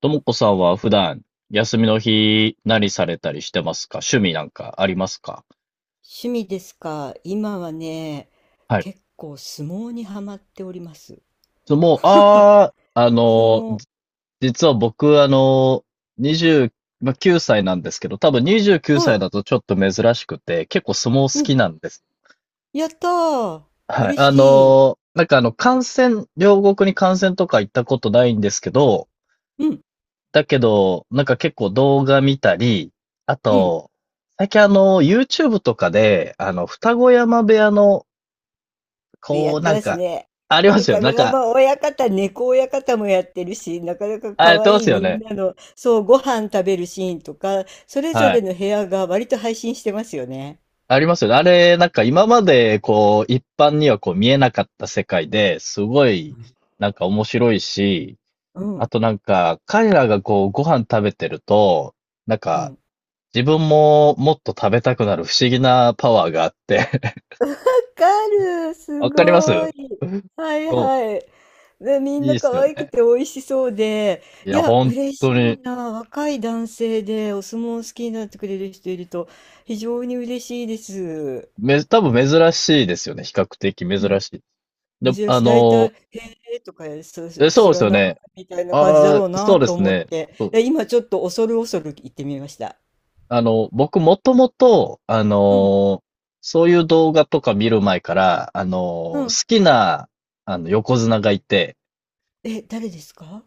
ともこさんは普段、休みの日、何されたりしてますか？趣味なんかありますか？趣味ですか。今はね、はい。結構相撲にはまっております。そもう、ああ、相撲。実は僕、20、まあ、9歳なんですけど、多分29歳はだとちょっと珍しくて、結構相撲い。う好ん。きなんです。やったー。はい。嬉しい。観戦、両国に観戦とか行ったことないんですけど、うん。だけど、なんか結構動画見たり、あうん。と、最近、YouTube とかで、二子山部屋のやこっう、てなんますか、ね。ありますよ。歌子山親方、猫親方もやってるし、なかなかあ、や可ってま愛いすよみんね。なの、そう、ご飯食べるシーンとか、それぞはれい。の部屋が割と配信してますよね。ありますよね。あれ、なんか今まで、こう、一般にはこう見えなかった世界で、すごうい、ん。なんか面白いし、うあん。となんか、彼らがこう、ご飯食べてると、なんうか、ん自分ももっと食べたくなる不思議なパワーがあって かる、すわかります。ごい。はいそはい。で、みう、んいいっなす可よ愛くね。て美味しそうで、いいや、や、本嬉当しいに、な。若い男性でお相撲好きになってくれる人いると、非常に嬉しいです。め、多分珍しいですよね。比較的う珍ん。しい。で、珍しい。大体、へえとか、そう、え、そう知ですらよないね。みたいな感じだあろうあ、そなうでとす思っね。て、そう。で、今ちょっと恐る恐る行ってみました。僕もともと、うん。そういう動画とか見る前から、う好ん。きな、横綱がいて、え、誰ですか？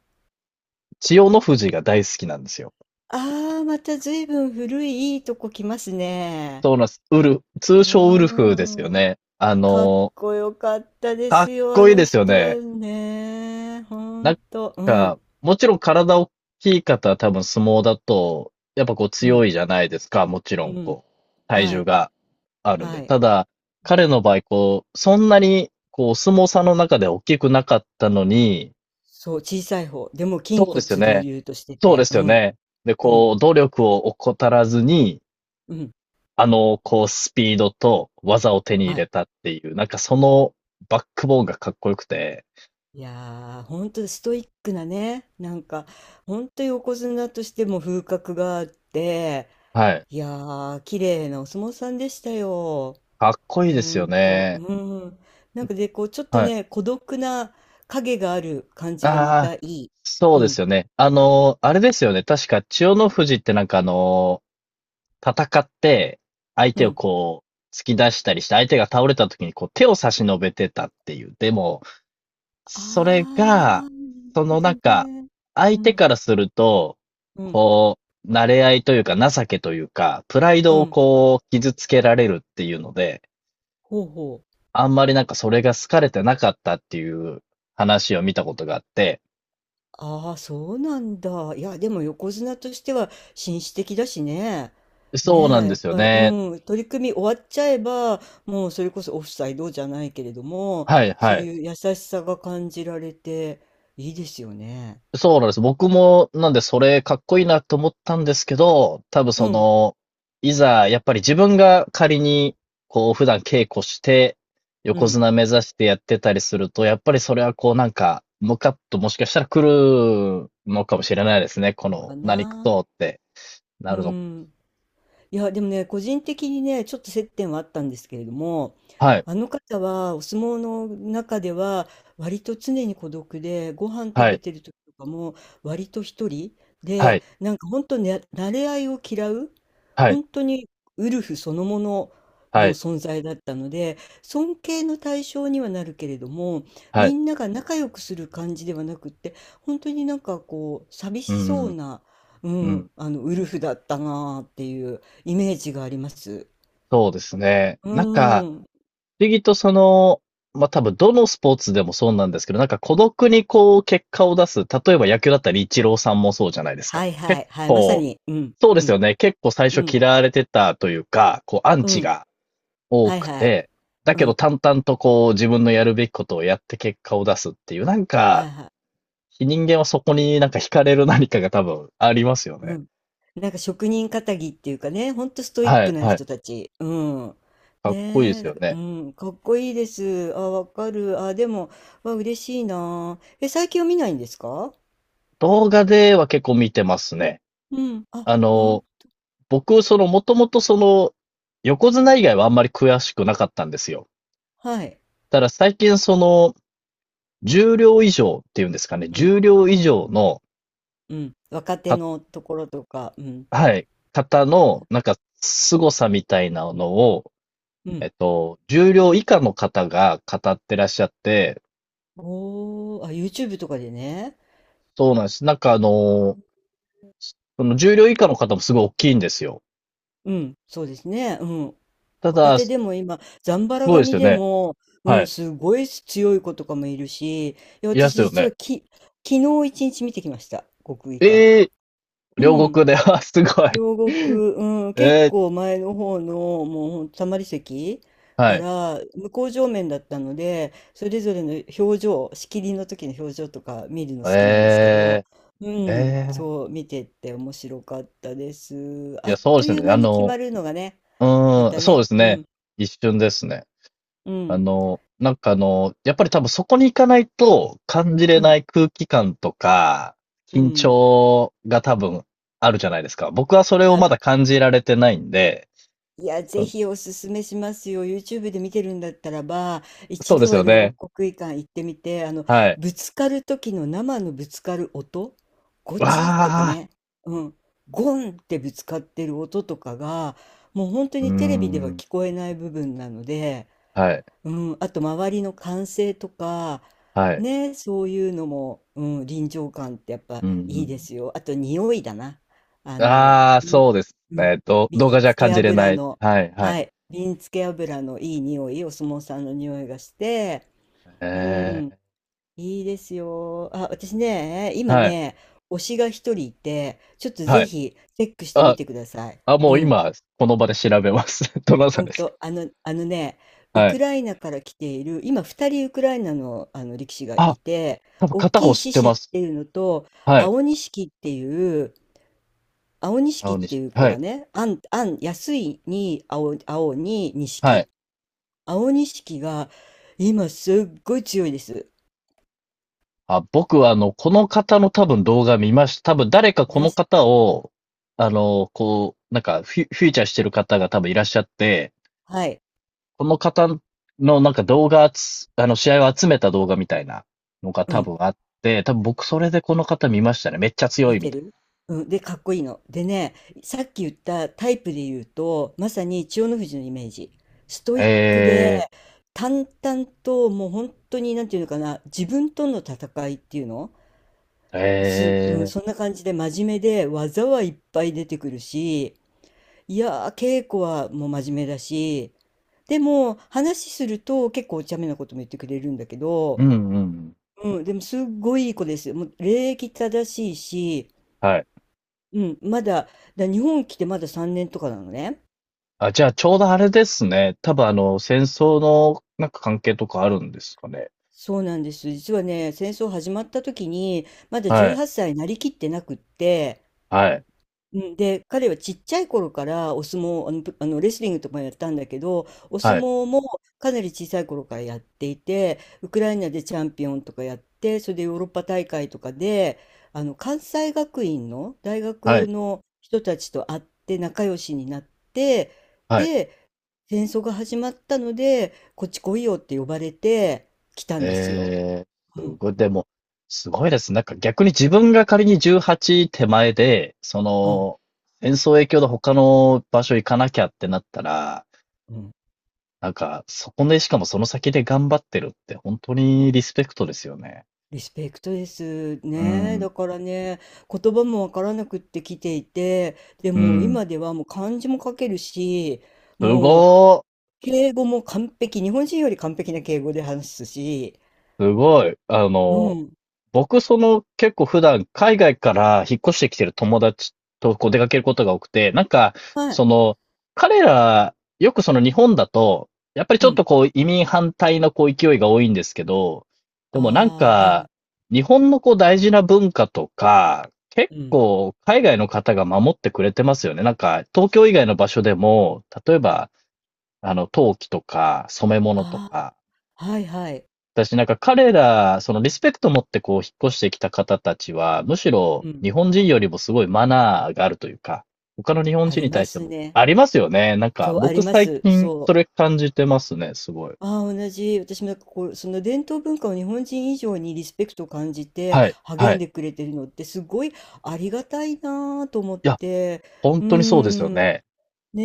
千代の富士が大好きなんですよ。ああー、また随分古いいいとこ来ますね。そうなんです。ウル、通う称ウルフですよーん。ね。かっこよかったでかっすよ、あこいいのですよ人はね。ね。ほなんんと。うん。もちろん体大きい方は多分相撲だと、やっぱこうう強ん。いじゃないですか。もちろうん、ん。こう、体は重い。が。あるんで。はい。ただ、彼の場合、こう、そんなに、こう、お相撲さんの中で大きくなかったのに、そう、小さい方。でも、筋そうで骨すよ隆ね。々としてそうでて。うすよん。ね。で、うん。こう、努力を怠らずに、うん。こう、スピードと技を手に入はい。れたっていう、なんかそのバックボーンがかっこよくて、いやー、ほんとストイックなね。なんか、ほんと横綱としても風格があって、はい。いやー、綺麗なお相撲さんでしたよ。かっこいいでほすよんと、ね。うん。なんかで、こう、ちょっとはい。ね、孤独な影がある感じがまああ、たいい。そううですん、よね。あの、あれですよね。確か、千代の富士ってなんか戦って、相う手をん。こう、突き出したりして、相手が倒れた時にこう、手を差し伸べてたっていう。でも、それあー、が、なるそほのなどんか、ね。相う手ん、からすると、うん、こう、慣れ合いというか、情けというか、プライうドをん。こう、傷つけられるっていうので、ほうほう。あんまりなんかそれが好かれてなかったっていう話を見たことがあって、ああ、そうなんだ。いや、でも横綱としては紳士的だしね。そうなねんえ、でやっすよぱり、ね。うん、取り組み終わっちゃえば、もうそれこそオフサイドじゃないけれども、はいはそうい。いう優しさが感じられて、いいですよね。そうなんです。僕も、なんでそれかっこいいなと思ったんですけど、多分うそん、の、いざ、やっぱり自分が仮に、こう、普段稽古して、う横ん。綱目指してやってたりすると、やっぱりそれはこう、なんか、ムカッともしかしたら来るのかもしれないですね。このの、か何くな。そってなうるの。ん。いや、でもね、個人的にね、ちょっと接点はあったんですけれども、はい、あの方はお相撲の中では割と常に孤独で、ご飯食はべい、てる時とかも割と一人はで、い、なんか本当ね、馴れ合いを嫌う、はい、本当にウルフそのものはのい、存在だったので、尊敬の対象にはなるけれども、はみい。んなが仲良くする感じではなくって、本当になんかこう、寂うしそうん、な、ううん、ん。あの、ウルフだったなあっていう。イメージがあります。そうですね。うーん。不思議とその、まあ、多分どのスポーツでもそうなんですけど、なんか孤独にこう結果を出す、例えば野球だったらイチローさんもそうじゃないですか。はいは結い、はい、まさ構、に、うん、そうでうすん、よね。結構最う初ん、嫌われてたというか、こうアンうチん、が多はいくはい、て、だうけどん、淡々とこう自分のやるべきことをやって結果を出すっていう、なんはかいはい、人間はそこになんか惹かれる何かが多分ありますようね。ん。なんか職人かたぎっていうかね、ほんとストイッはクい、なはい。人たち。うん。かっこいいでねえ、すだよからね。うん、かっこいいです。あ、わかる。あ、でも、わ、嬉しいな。え、最近は見ないんですか？動画では結構見てますね。うん。あ、あうん。の、僕、その、もともとその、横綱以外はあんまり詳しくなかったんですよ。はい。ただ最近その、重量以上っていうんですかね、うん。重量以上の、うん。若手か、のところとか。うん。はい、方の、は凄さみたいなのを、い。うん。重量以下の方が語ってらっしゃって、おー、あ、YouTube とかでね。そうなんです。なんかその重量以下の方もすごい大きいんですよ。うん、そうですね。うん。た若だ、手すでも今、ザンバラごいです髪よでね。も、うはん、い。すごい強い子とかもいるし、いやいらっ私しゃるよ実はね。昨日一日見てきました。国技館。ええー、う両国ん。で、あ、すごい。両国、うん、結ええ構前の方の、もうほんとたまり席ー、はかい。ら、向こう正面だったので、それぞれの表情、仕切りの時の表情とか見るの好きなんですけど、えうえ、えん、え。そう、見てって面白かったです。いあや、っそうでとすいうね。間あに決の、まるのがね、うまーん、たそうでね。すうね。ん。一瞬ですね。うん。やっぱり多分そこに行かないと感じれうなん。い空気感とか、う緊ん。張が多分あるじゃないですか。僕はそれをはまい。だ感じられてないんで、いや、ぜそひおすすめしますよ。YouTube で見てるんだったらば、一そうで度すはよ両国ね。国技館行ってみて、あの、はい。ぶつかる時の生のぶつかる音、ゴわチッとかあ、ね、うん、ゴンってぶつかってる音とかが、もう本当うーにテレビではん、聞こえない部分なので、はい、うん、あと周りの歓声とか、はい、ね、そういうのも、うん、臨場感ってやっぱういいでん、すよ。あと匂いだな。あうん。の、ああ、そうですうん、ね。ど、瓶動画じゃ付感けじれな油い。の、はい、はい。はい、瓶付け油のいい匂い、お相撲さんの匂いがして、うえん、え、いいですよ。あ、私ね、今はい、ね、推しが一人いて、ちょっとはぜい。ひチェックしてみあ、てください。あ、もううん。今、この場で調べます。どなたほんですか？と、あの、あのね、ウはクい。ライナから来ている、今2人ウクライナの、あの力士があ、いて、多分大片き方い知っ獅て子まっす。ていうのと、はい。青錦っていう、青錦っ青て西。いう子はい。がね、あん、あん、安いに青、青には錦。い。青錦が今すっごい強いです。あ、僕はこの方の多分動画見ました。多分誰かこ見まのした。方を、フィ、フィーチャーしてる方が多分いらっしゃって、はい。この方のなんか動画つ、試合を集めた動画みたいなのがう多ん。分あって、多分僕それでこの方見ましたね。めっちゃ強見いみてたいる。うん、で、かっこいいの。でね、さっき言ったタイプで言うと、まさに千代の富士のイメージ。ストな。イへックで、え淡々と、もう本当に、なんていうのかな、自分との戦いっていうのー、す、うん、へえそんな感じで真面目で、技はいっぱい出てくるし、いやー、稽古はもう真面目だし、でも、話すると結構お茶目なことも言ってくれるんだけー、ど、うんうんうん。うん、でもすっごいいい子ですよ。もう礼儀正しいし、はい。うん、まだ、日本来てまだ3年とかなのね。あ、じゃあちょうどあれですね。多分戦争のなんか関係とかあるんですかね。そうなんです。実はね、戦争始まった時に、まだはい。18歳なりきってなくって、はい。うん、で、彼はちっちゃい頃からお相撲、あの、ぷあのレスリングとかもやったんだけど、お相はい。撲もかなり小さい頃からやっていて、ウクライナでチャンピオンとかやって、それでヨーロッパ大会とかで、あの、関西学院の大は学い。の人たちと会って仲良しになって、はい。で戦争が始まったので、こっち来いよって呼ばれて来たんですよ。えー、すうん、ごい。でも、すごいです。なんか逆に自分が仮に18手前で、そうん、の、戦争影響で他の場所行かなきゃってなったら、うん。なんか、そこで、しかもその先で頑張ってるって本当にリスペクトですよね。リスペクトです。うね、ん。だからね、言葉もわからなくって来ていて、でうもん。今ではもう漢字も書けるし、すもうごー。敬語も完璧、日本人より完璧な敬語で話すし、すごい。うん、僕、その、結構普段、海外から引っ越してきてる友達とこう出かけることが多くて、はい、その、彼ら、よくその日本だと、やっぱりうちょっん、とこう移民反対のこう勢いが多いんですけど、であもあ、はい、日本のこう大事な文化とか、結うん、構海外の方が守ってくれてますよね。なんか、東京以外の場所でも、例えば、陶器とか染め物とあか、あ、はいはい、私なんか彼ら、そのリスペクト持ってこう引っ越してきた方たちは、むしろうん、日本人よりもすごいマナーがあるというか、他の日本あ人りにま対してすもね。ありますよね。なんかそう、あり僕ま最す。近そそう。れ感じてますね、すごい。ああ、同じ。私もなんかこう、その伝統文化を日本人以上にリスペクトを感じてはい、は励んい。でくれてるのってすごいありがたいなあと思っいや、て。本うー当にそうですよん。ね。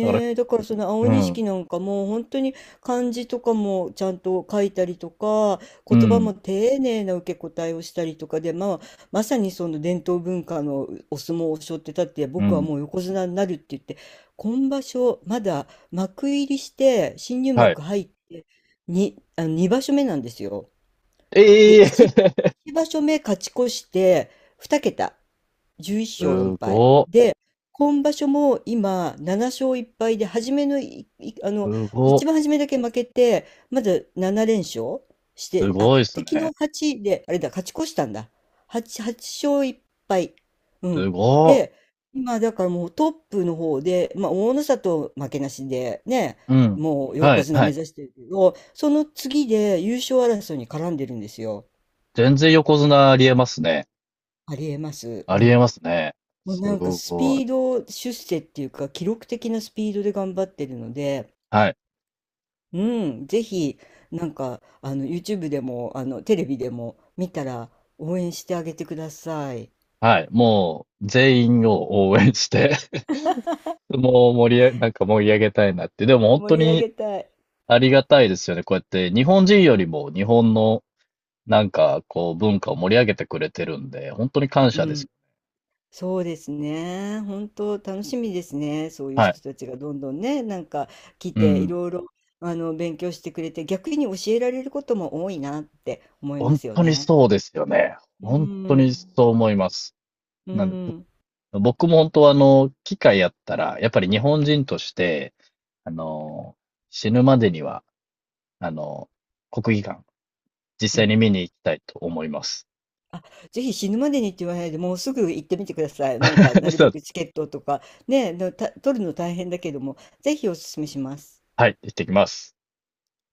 だから、え、だからその青うん、錦なんかもう本当に漢字とかもちゃんと書いたりとか、う言葉ん、も丁寧な受け答えをしたりとかで、まあ、まさにその伝統文化のお相撲を背負ってたって、う僕はん、もう横綱になるって言って、今場所まだ幕入りして新入はい。幕入ってにあの2場所目なんですよ。で、ええ 1、一場所目勝ち越して2桁、11勝4す敗。ご、今場所も今、7勝1敗で、初めのい、いあすの、ご、一番初めだけ負けて、まだ7連勝しすて、あ、ごいですで、昨日ね。8で、あれだ、勝ち越したんだ。8、8勝1敗。うすん。ご、で、今、だからもうトップの方で、まあ、大の里負けなしで、ね、うん、もうは横い、綱は目い。指してるけど、その次で優勝争いに絡んでるんですよ。全然横綱ありえますね。ありえます。うありん。えますね。もうすなんかスごピい。ード出世っていうか記録的なスピードで頑張ってるので、はい。うん、ぜひなんかあの YouTube でもあのテレビでも見たら応援してあげてください。はい。もう、全員を応援して もう盛り上げ、なんか盛り上げたいなって。でも本当盛り上にげたい。ありがたいですよね。こうやって日本人よりも日本のなんかこう文化を盛り上げてくれてるんで、本当に感う謝です。ん、そうですね。本当楽しみですね。そういうはい。人たちがどんどんね、なんか来うていん。ろいろあの勉強してくれて逆に教えられることも多いなって思いま本すよ当にね。そうですよね。う本当にん、そう思います。うなんで、ん、ぼ僕も本当は機会やったら、やっぱり日本人として、あの、死ぬまでには、あの、国技館、実う際ん。に見に行きたいと思います。あ、ぜひ死ぬまでにって言わないで、もうすぐ行ってみてください。なんか、な るそべう、くチケットとか、ね、取るの大変だけども、ぜひお勧めします。はい、行ってきます。